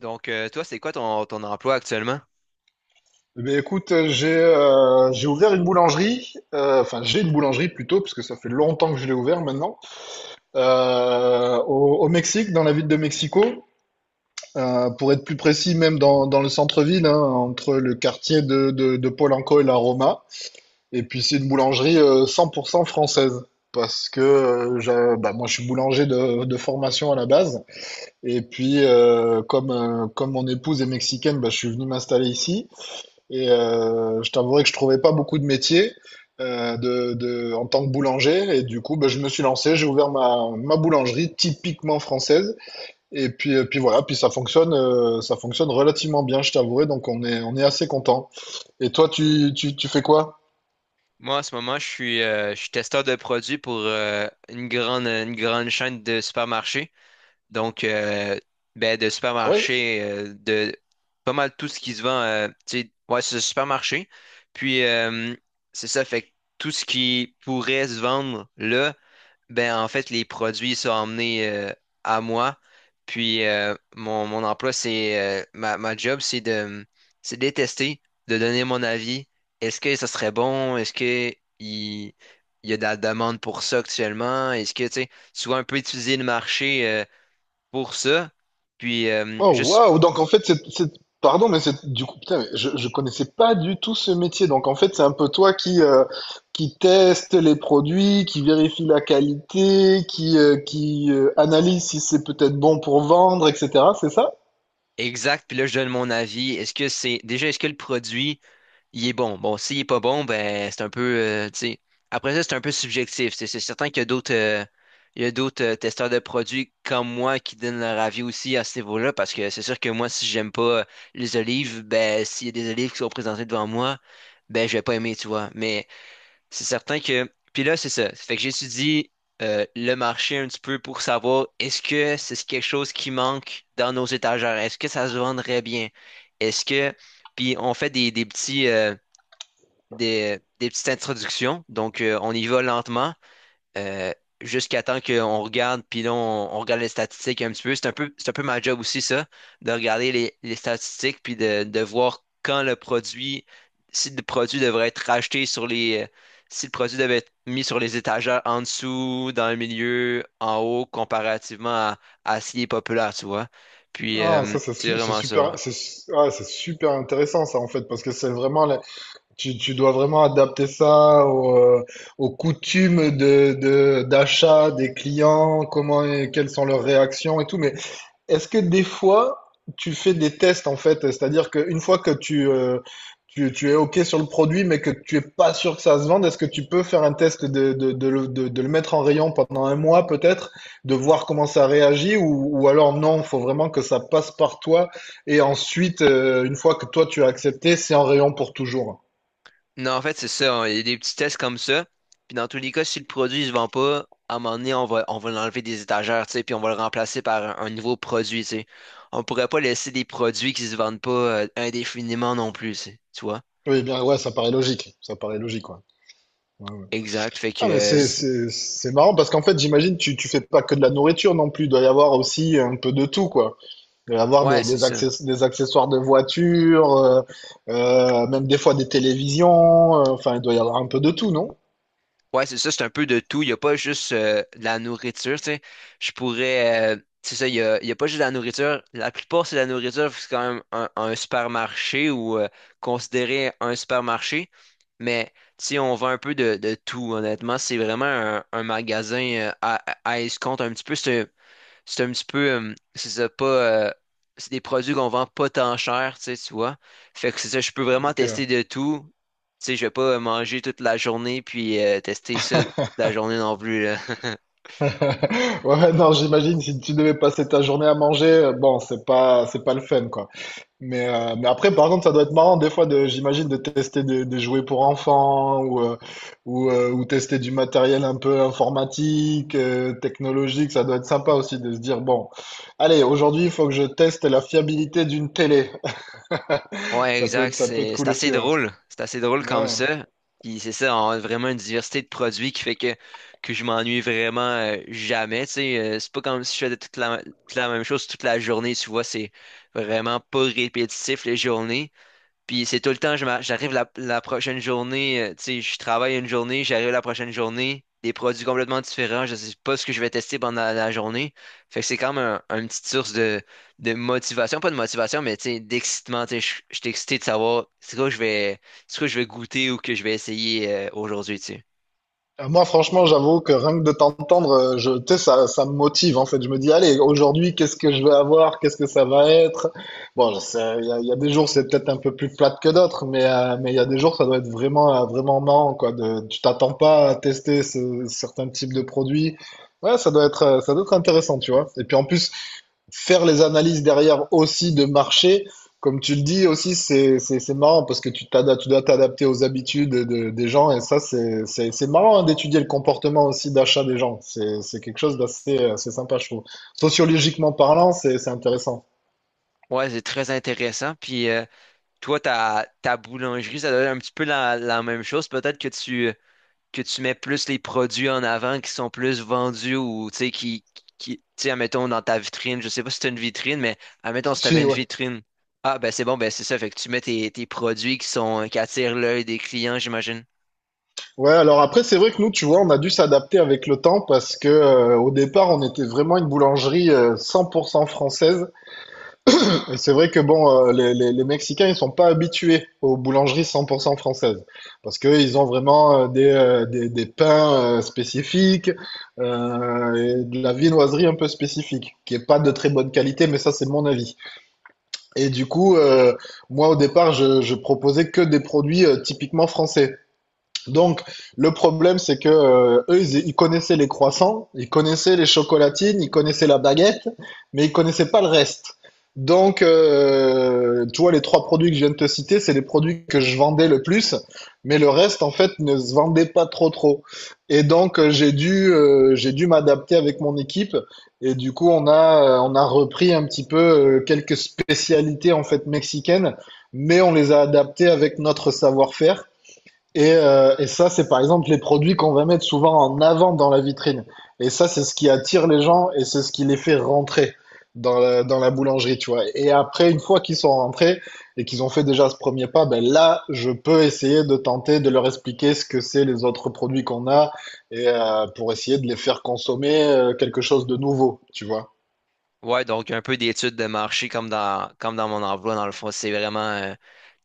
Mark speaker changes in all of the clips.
Speaker 1: Toi, c'est quoi ton emploi actuellement?
Speaker 2: J'ai ouvert une boulangerie, enfin j'ai une boulangerie plutôt, parce que ça fait longtemps que je l'ai ouvert maintenant, au Mexique, dans la ville de Mexico. Pour être plus précis, même dans le centre-ville, hein, entre le quartier de Polanco et la Roma. Et puis c'est une boulangerie 100% française, parce que bah, moi je suis boulanger de formation à la base, et puis comme, comme mon épouse est mexicaine, bah, je suis venu m'installer ici. Et je t'avouerai que je trouvais pas beaucoup de métiers en tant que boulanger. Et du coup, ben, je me suis lancé, j'ai ouvert ma boulangerie typiquement française. Et puis, puis voilà, puis ça fonctionne relativement bien, je t'avouerai. Donc on on est assez content. Et toi, tu fais quoi?
Speaker 1: Moi, en ce moment, je suis testeur de produits pour une une grande chaîne de supermarchés. Donc, euh, de
Speaker 2: Ah ouais?
Speaker 1: supermarchés, de pas mal tout ce qui se vend, tu sais, ouais, c'est un supermarché. Puis, euh, c'est ça, fait que tout ce qui pourrait se vendre là, ben, en fait, les produits sont emmenés à moi. Puis Mon, ma job, c'est de les tester, de donner mon avis. Est-ce que ça serait bon? Est-ce que il, il y a de la demande pour ça actuellement? Est-ce que, tu sais, souvent un peu étudier le marché pour ça? Puis
Speaker 2: Oh
Speaker 1: juste
Speaker 2: waouh! Donc en fait, pardon, mais c'est du coup, putain, mais je connaissais pas du tout ce métier. Donc en fait, c'est un peu toi qui teste les produits, qui vérifie la qualité, qui analyse si c'est peut-être bon pour vendre, etc. C'est ça?
Speaker 1: Exact, puis là, je donne mon avis. Est-ce que le produit il est bon. Bon, s'il est pas bon, ben c'est un peu, tu sais. Après ça, c'est un peu subjectif. C'est certain qu'il y a il y a d'autres testeurs de produits comme moi qui donnent leur avis aussi à ce niveau-là, parce que c'est sûr que moi, si j'aime pas les olives, ben s'il y a des olives qui sont présentées devant moi, ben je vais pas aimer, tu vois. Mais c'est certain que, puis là, c'est ça. Fait que j'étudie le marché un petit peu pour savoir est-ce que c'est quelque chose qui manque dans nos étagères, est-ce que ça se vendrait bien, est-ce que, puis on fait des petites introductions. On y va lentement euh, jusqu'à temps qu'on regarde, puis là, on regarde les statistiques un petit peu. C'est un peu ma job aussi, ça, de regarder les statistiques, puis de voir quand le produit, si le produit devrait être racheté sur les... Si le produit devait être mis sur les étagères en dessous, dans le milieu, en haut, comparativement à ce qui est populaire, tu vois.
Speaker 2: Ah, ça c'est
Speaker 1: C'est
Speaker 2: su- c'est
Speaker 1: vraiment ça.
Speaker 2: super,
Speaker 1: Ouais.
Speaker 2: c'est su- ah, c'est super intéressant ça en fait parce que c'est vraiment la tu dois vraiment adapter ça au, aux coutumes de d'achat des clients, comment quelles sont leurs réactions et tout. Mais est-ce que des fois, tu fais des tests en fait? C'est-à-dire qu'une fois que tu es OK sur le produit, mais que tu es pas sûr que ça se vende, est-ce que tu peux faire un test de le mettre en rayon pendant un mois peut-être, de voir comment ça réagit, ou alors non, il faut vraiment que ça passe par toi, et ensuite, une fois que toi tu as accepté, c'est en rayon pour toujours.
Speaker 1: Non, en fait, c'est ça, hein. Il y a des petits tests comme ça. Puis dans tous les cas, si le produit ne se vend pas, à un moment donné, on va l'enlever des étagères, tu sais, puis on va le remplacer par un nouveau produit, tu sais. On pourrait pas laisser des produits qui se vendent pas indéfiniment non plus, tu sais. Tu vois?
Speaker 2: Oui, bien, ouais, ça paraît logique, ouais. Ouais, ouais.
Speaker 1: Exact.
Speaker 2: Ah mais c'est marrant parce qu'en fait j'imagine tu fais pas que de la nourriture non plus, il doit y avoir aussi un peu de tout quoi. Il va y avoir
Speaker 1: Ouais, c'est ça.
Speaker 2: des accessoires de voiture, même des fois des télévisions. Enfin, il doit y avoir un peu de tout, non?
Speaker 1: Ouais, c'est ça, c'est un peu de tout. Il n'y a pas juste de la nourriture, tu sais. Je pourrais. C'est ça, il y a pas juste de la nourriture. La plupart, c'est de la nourriture, c'est quand même un supermarché ou considéré un supermarché. Mais, tu sais, on vend un peu de tout, honnêtement. C'est vraiment un magasin, à escompte un petit peu. C'est un petit peu, c'est ça, pas, C'est des produits qu'on vend pas tant cher, tu sais, tu vois. Fait que c'est ça, je peux vraiment
Speaker 2: Donc,
Speaker 1: tester de tout. Tu sais, je vais pas manger toute la journée puis tester ça toute la journée non plus, là.
Speaker 2: ouais, non, j'imagine si tu devais passer ta journée à manger, bon, c'est pas le fun, quoi. Mais après, par contre, ça doit être marrant des fois de, j'imagine, de tester des jouets pour enfants ou ou tester du matériel un peu informatique, technologique. Ça doit être sympa aussi de se dire, bon, allez, aujourd'hui, il faut que je teste la fiabilité d'une télé.
Speaker 1: Ouais,
Speaker 2: Ça peut
Speaker 1: exact,
Speaker 2: ça peut être
Speaker 1: c'est
Speaker 2: cool
Speaker 1: assez
Speaker 2: aussi, ouais.
Speaker 1: drôle. C'est assez drôle comme
Speaker 2: Ouais.
Speaker 1: ça. Puis c'est ça, on a vraiment une diversité de produits qui fait que je m'ennuie vraiment jamais, tu sais. C'est pas comme si je faisais toute la même chose toute la journée, tu vois. C'est vraiment pas répétitif les journées. Puis c'est tout le temps, j'arrive la prochaine journée, tu sais, je travaille une journée, j'arrive la prochaine journée, des produits complètement différents, je sais pas ce que je vais tester pendant la journée. Fait que c'est quand même une petite source de motivation, pas de motivation, mais tu sais, d'excitement, tu sais, je suis excité de savoir c'est quoi que je vais, c'est quoi que je vais goûter ou que je vais essayer aujourd'hui, tu sais.
Speaker 2: Moi, franchement, j'avoue que rien que de t'entendre, tu sais, ça me motive en fait. Je me dis, allez, aujourd'hui, qu'est-ce que je vais avoir? Qu'est-ce que ça va être? Bon, je sais, il y a des jours, c'est peut-être un peu plus plate que d'autres, mais il y a des jours, ça doit être vraiment vraiment marrant quoi. De, tu t'attends pas à tester certains types de produits. Ouais, ça doit être ça doit être intéressant, tu vois. Et puis en plus, faire les analyses derrière aussi de marché, comme tu le dis aussi, c'est marrant parce que tu dois t'adapter aux habitudes des gens et ça, c'est marrant hein, d'étudier le comportement aussi d'achat des gens. C'est quelque chose d'assez assez sympa, je trouve. Sociologiquement parlant, c'est intéressant.
Speaker 1: Ouais, c'est très intéressant. Puis Toi, ta boulangerie, ça doit être un petit peu la même chose. Peut-être que tu mets plus les produits en avant qui sont plus vendus ou, tu sais, qui, tu sais, admettons, dans ta vitrine, je sais pas si t'as une vitrine, mais admettons, si t'avais
Speaker 2: Si,
Speaker 1: une
Speaker 2: ouais.
Speaker 1: vitrine, ah, ben c'est bon, ben c'est ça, fait que tu mets tes produits qui sont, qui attirent l'œil des clients, j'imagine.
Speaker 2: Ouais, alors après, c'est vrai que nous, tu vois, on a dû s'adapter avec le temps parce que au départ, on était vraiment une boulangerie 100% française. Et c'est vrai que bon, les Mexicains, ils sont pas habitués aux boulangeries 100% françaises parce que ils ont vraiment des pains spécifiques et de la viennoiserie un peu spécifique qui est pas de très bonne qualité, mais ça, c'est mon avis. Et du coup, moi, au départ, je proposais que des produits typiquement français. Donc, le problème, c'est que ils connaissaient les croissants, ils connaissaient les chocolatines, ils connaissaient la baguette, mais ils connaissaient pas le reste. Donc, tu vois, les 3 produits que je viens de te citer, c'est les produits que je vendais le plus, mais le reste, en fait, ne se vendait pas trop trop. Et donc, j'ai dû m'adapter avec mon équipe. Et du coup, on a repris un petit peu quelques spécialités, en fait, mexicaines, mais on les a adaptées avec notre savoir-faire. Et ça, c'est par exemple les produits qu'on va mettre souvent en avant dans la vitrine. Et ça, c'est ce qui attire les gens et c'est ce qui les fait rentrer dans la boulangerie, tu vois. Et après, une fois qu'ils sont rentrés et qu'ils ont fait déjà ce premier pas, ben là, je peux essayer de tenter de leur expliquer ce que c'est les autres produits qu'on a et pour essayer de les faire consommer quelque chose de nouveau, tu vois.
Speaker 1: Ouais, donc un peu d'études de marché comme dans mon emploi, dans le fond, c'est vraiment,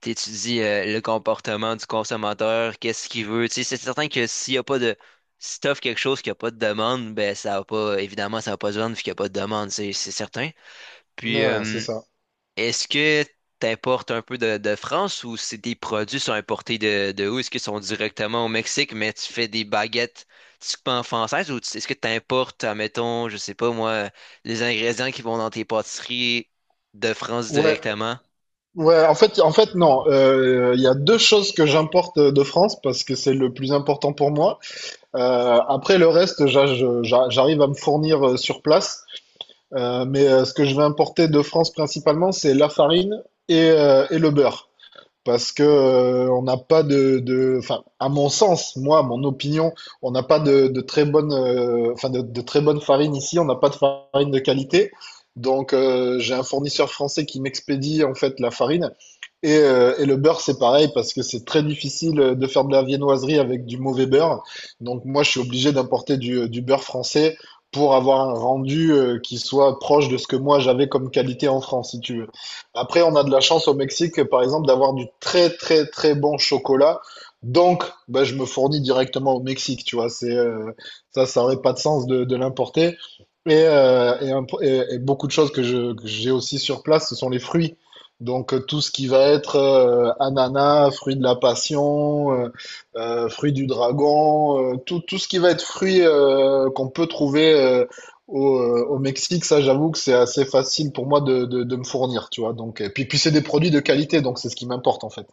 Speaker 1: tu étudies le comportement du consommateur, qu'est-ce qu'il veut, tu sais, c'est certain que s'il y a pas de, si t'offres quelque chose qui a pas de demande, ben ça va pas, évidemment, ça va pas se vendre vu qu'il y a pas de demande, c'est certain. Puis,
Speaker 2: Ouais, c'est
Speaker 1: euh,
Speaker 2: ça.
Speaker 1: Est-ce que t'importes un peu de France ou si tes produits sont importés de où? Est-ce qu'ils sont directement au Mexique, mais tu fais des baguettes typiquement françaises est-ce que t'importes, admettons, je sais pas moi, les ingrédients qui vont dans tes pâtisseries de France
Speaker 2: Ouais,
Speaker 1: directement?
Speaker 2: ouais. En fait, non. Il y a 2 choses que j'importe de France parce que c'est le plus important pour moi. Après le reste, j'arrive à me fournir sur place. Ce que je vais importer de France principalement, c'est la farine et le beurre. Parce que on n'a pas enfin, à mon sens, moi, mon opinion, on n'a pas de très bonne, enfin, de très bonne farine ici. On n'a pas de farine de qualité. Donc, j'ai un fournisseur français qui m'expédie en fait la farine. Et le beurre, c'est pareil parce que c'est très difficile de faire de la viennoiserie avec du mauvais beurre. Donc moi, je suis obligé d'importer du beurre français pour avoir un rendu qui soit proche de ce que moi j'avais comme qualité en France, si tu veux. Après, on a de la chance au Mexique, par exemple, d'avoir du très très très bon chocolat. Donc, bah, je me fournis directement au Mexique, tu vois. C'est ça aurait pas de sens de l'importer. Et, et beaucoup de choses que j'ai aussi sur place, ce sont les fruits. Donc tout ce qui va être ananas, fruit de la passion, fruit du dragon, tout ce qui va être fruit qu'on peut trouver au Mexique, ça j'avoue que c'est assez facile pour moi de me fournir, tu vois. Donc, puis c'est des produits de qualité, donc c'est ce qui m'importe en fait.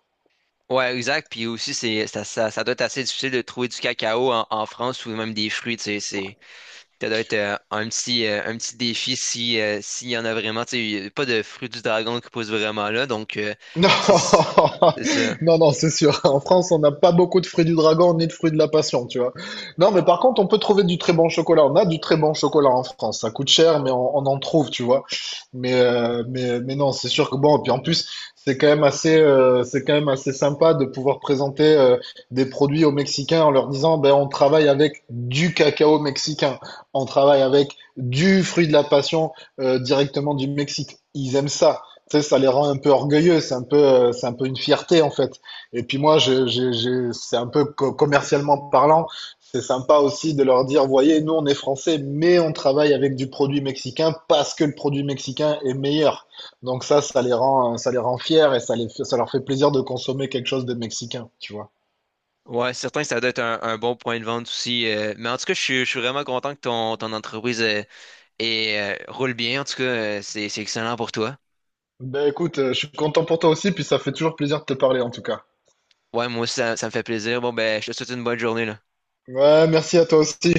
Speaker 1: Ouais, exact. Puis aussi, ça doit être assez difficile de trouver du cacao en France ou même des fruits, tu sais, c'est... Ça doit être un petit défi si, s'il y en a vraiment. Tu sais, il y a pas de fruit du dragon qui pousse vraiment là.
Speaker 2: Non,
Speaker 1: C'est c'est ça.
Speaker 2: non, non, c'est sûr. En France, on n'a pas beaucoup de fruits du dragon ni de fruits de la passion, tu vois. Non, mais par contre, on peut trouver du très bon chocolat. On a du très bon chocolat en France. Ça coûte cher, mais on en trouve, tu vois. Mais non, c'est sûr que bon. Et puis en plus, c'est quand même assez sympa de pouvoir présenter des produits aux Mexicains en leur disant, ben, on travaille avec du cacao mexicain. On travaille avec du fruit de la passion directement du Mexique. Ils aiment ça, tu sais, ça les rend un peu orgueilleux, c'est un peu une fierté en fait. Et puis moi, c'est un peu commercialement parlant, c'est sympa aussi de leur dire, voyez, nous on est français, mais on travaille avec du produit mexicain parce que le produit mexicain est meilleur. Donc ça, ça les rend fiers et ça leur fait plaisir de consommer quelque chose de mexicain, tu vois.
Speaker 1: Ouais, c'est certain que ça doit être un bon point de vente aussi. Mais en tout cas, je suis vraiment content que ton, ton entreprise roule bien. En tout cas, c'est excellent pour toi.
Speaker 2: Ben écoute, je suis content pour toi aussi, puis ça fait toujours plaisir de te parler en tout cas.
Speaker 1: Ouais, moi aussi, ça me fait plaisir. Bon, ben, je te souhaite une bonne journée, là.
Speaker 2: Ouais, merci à toi aussi.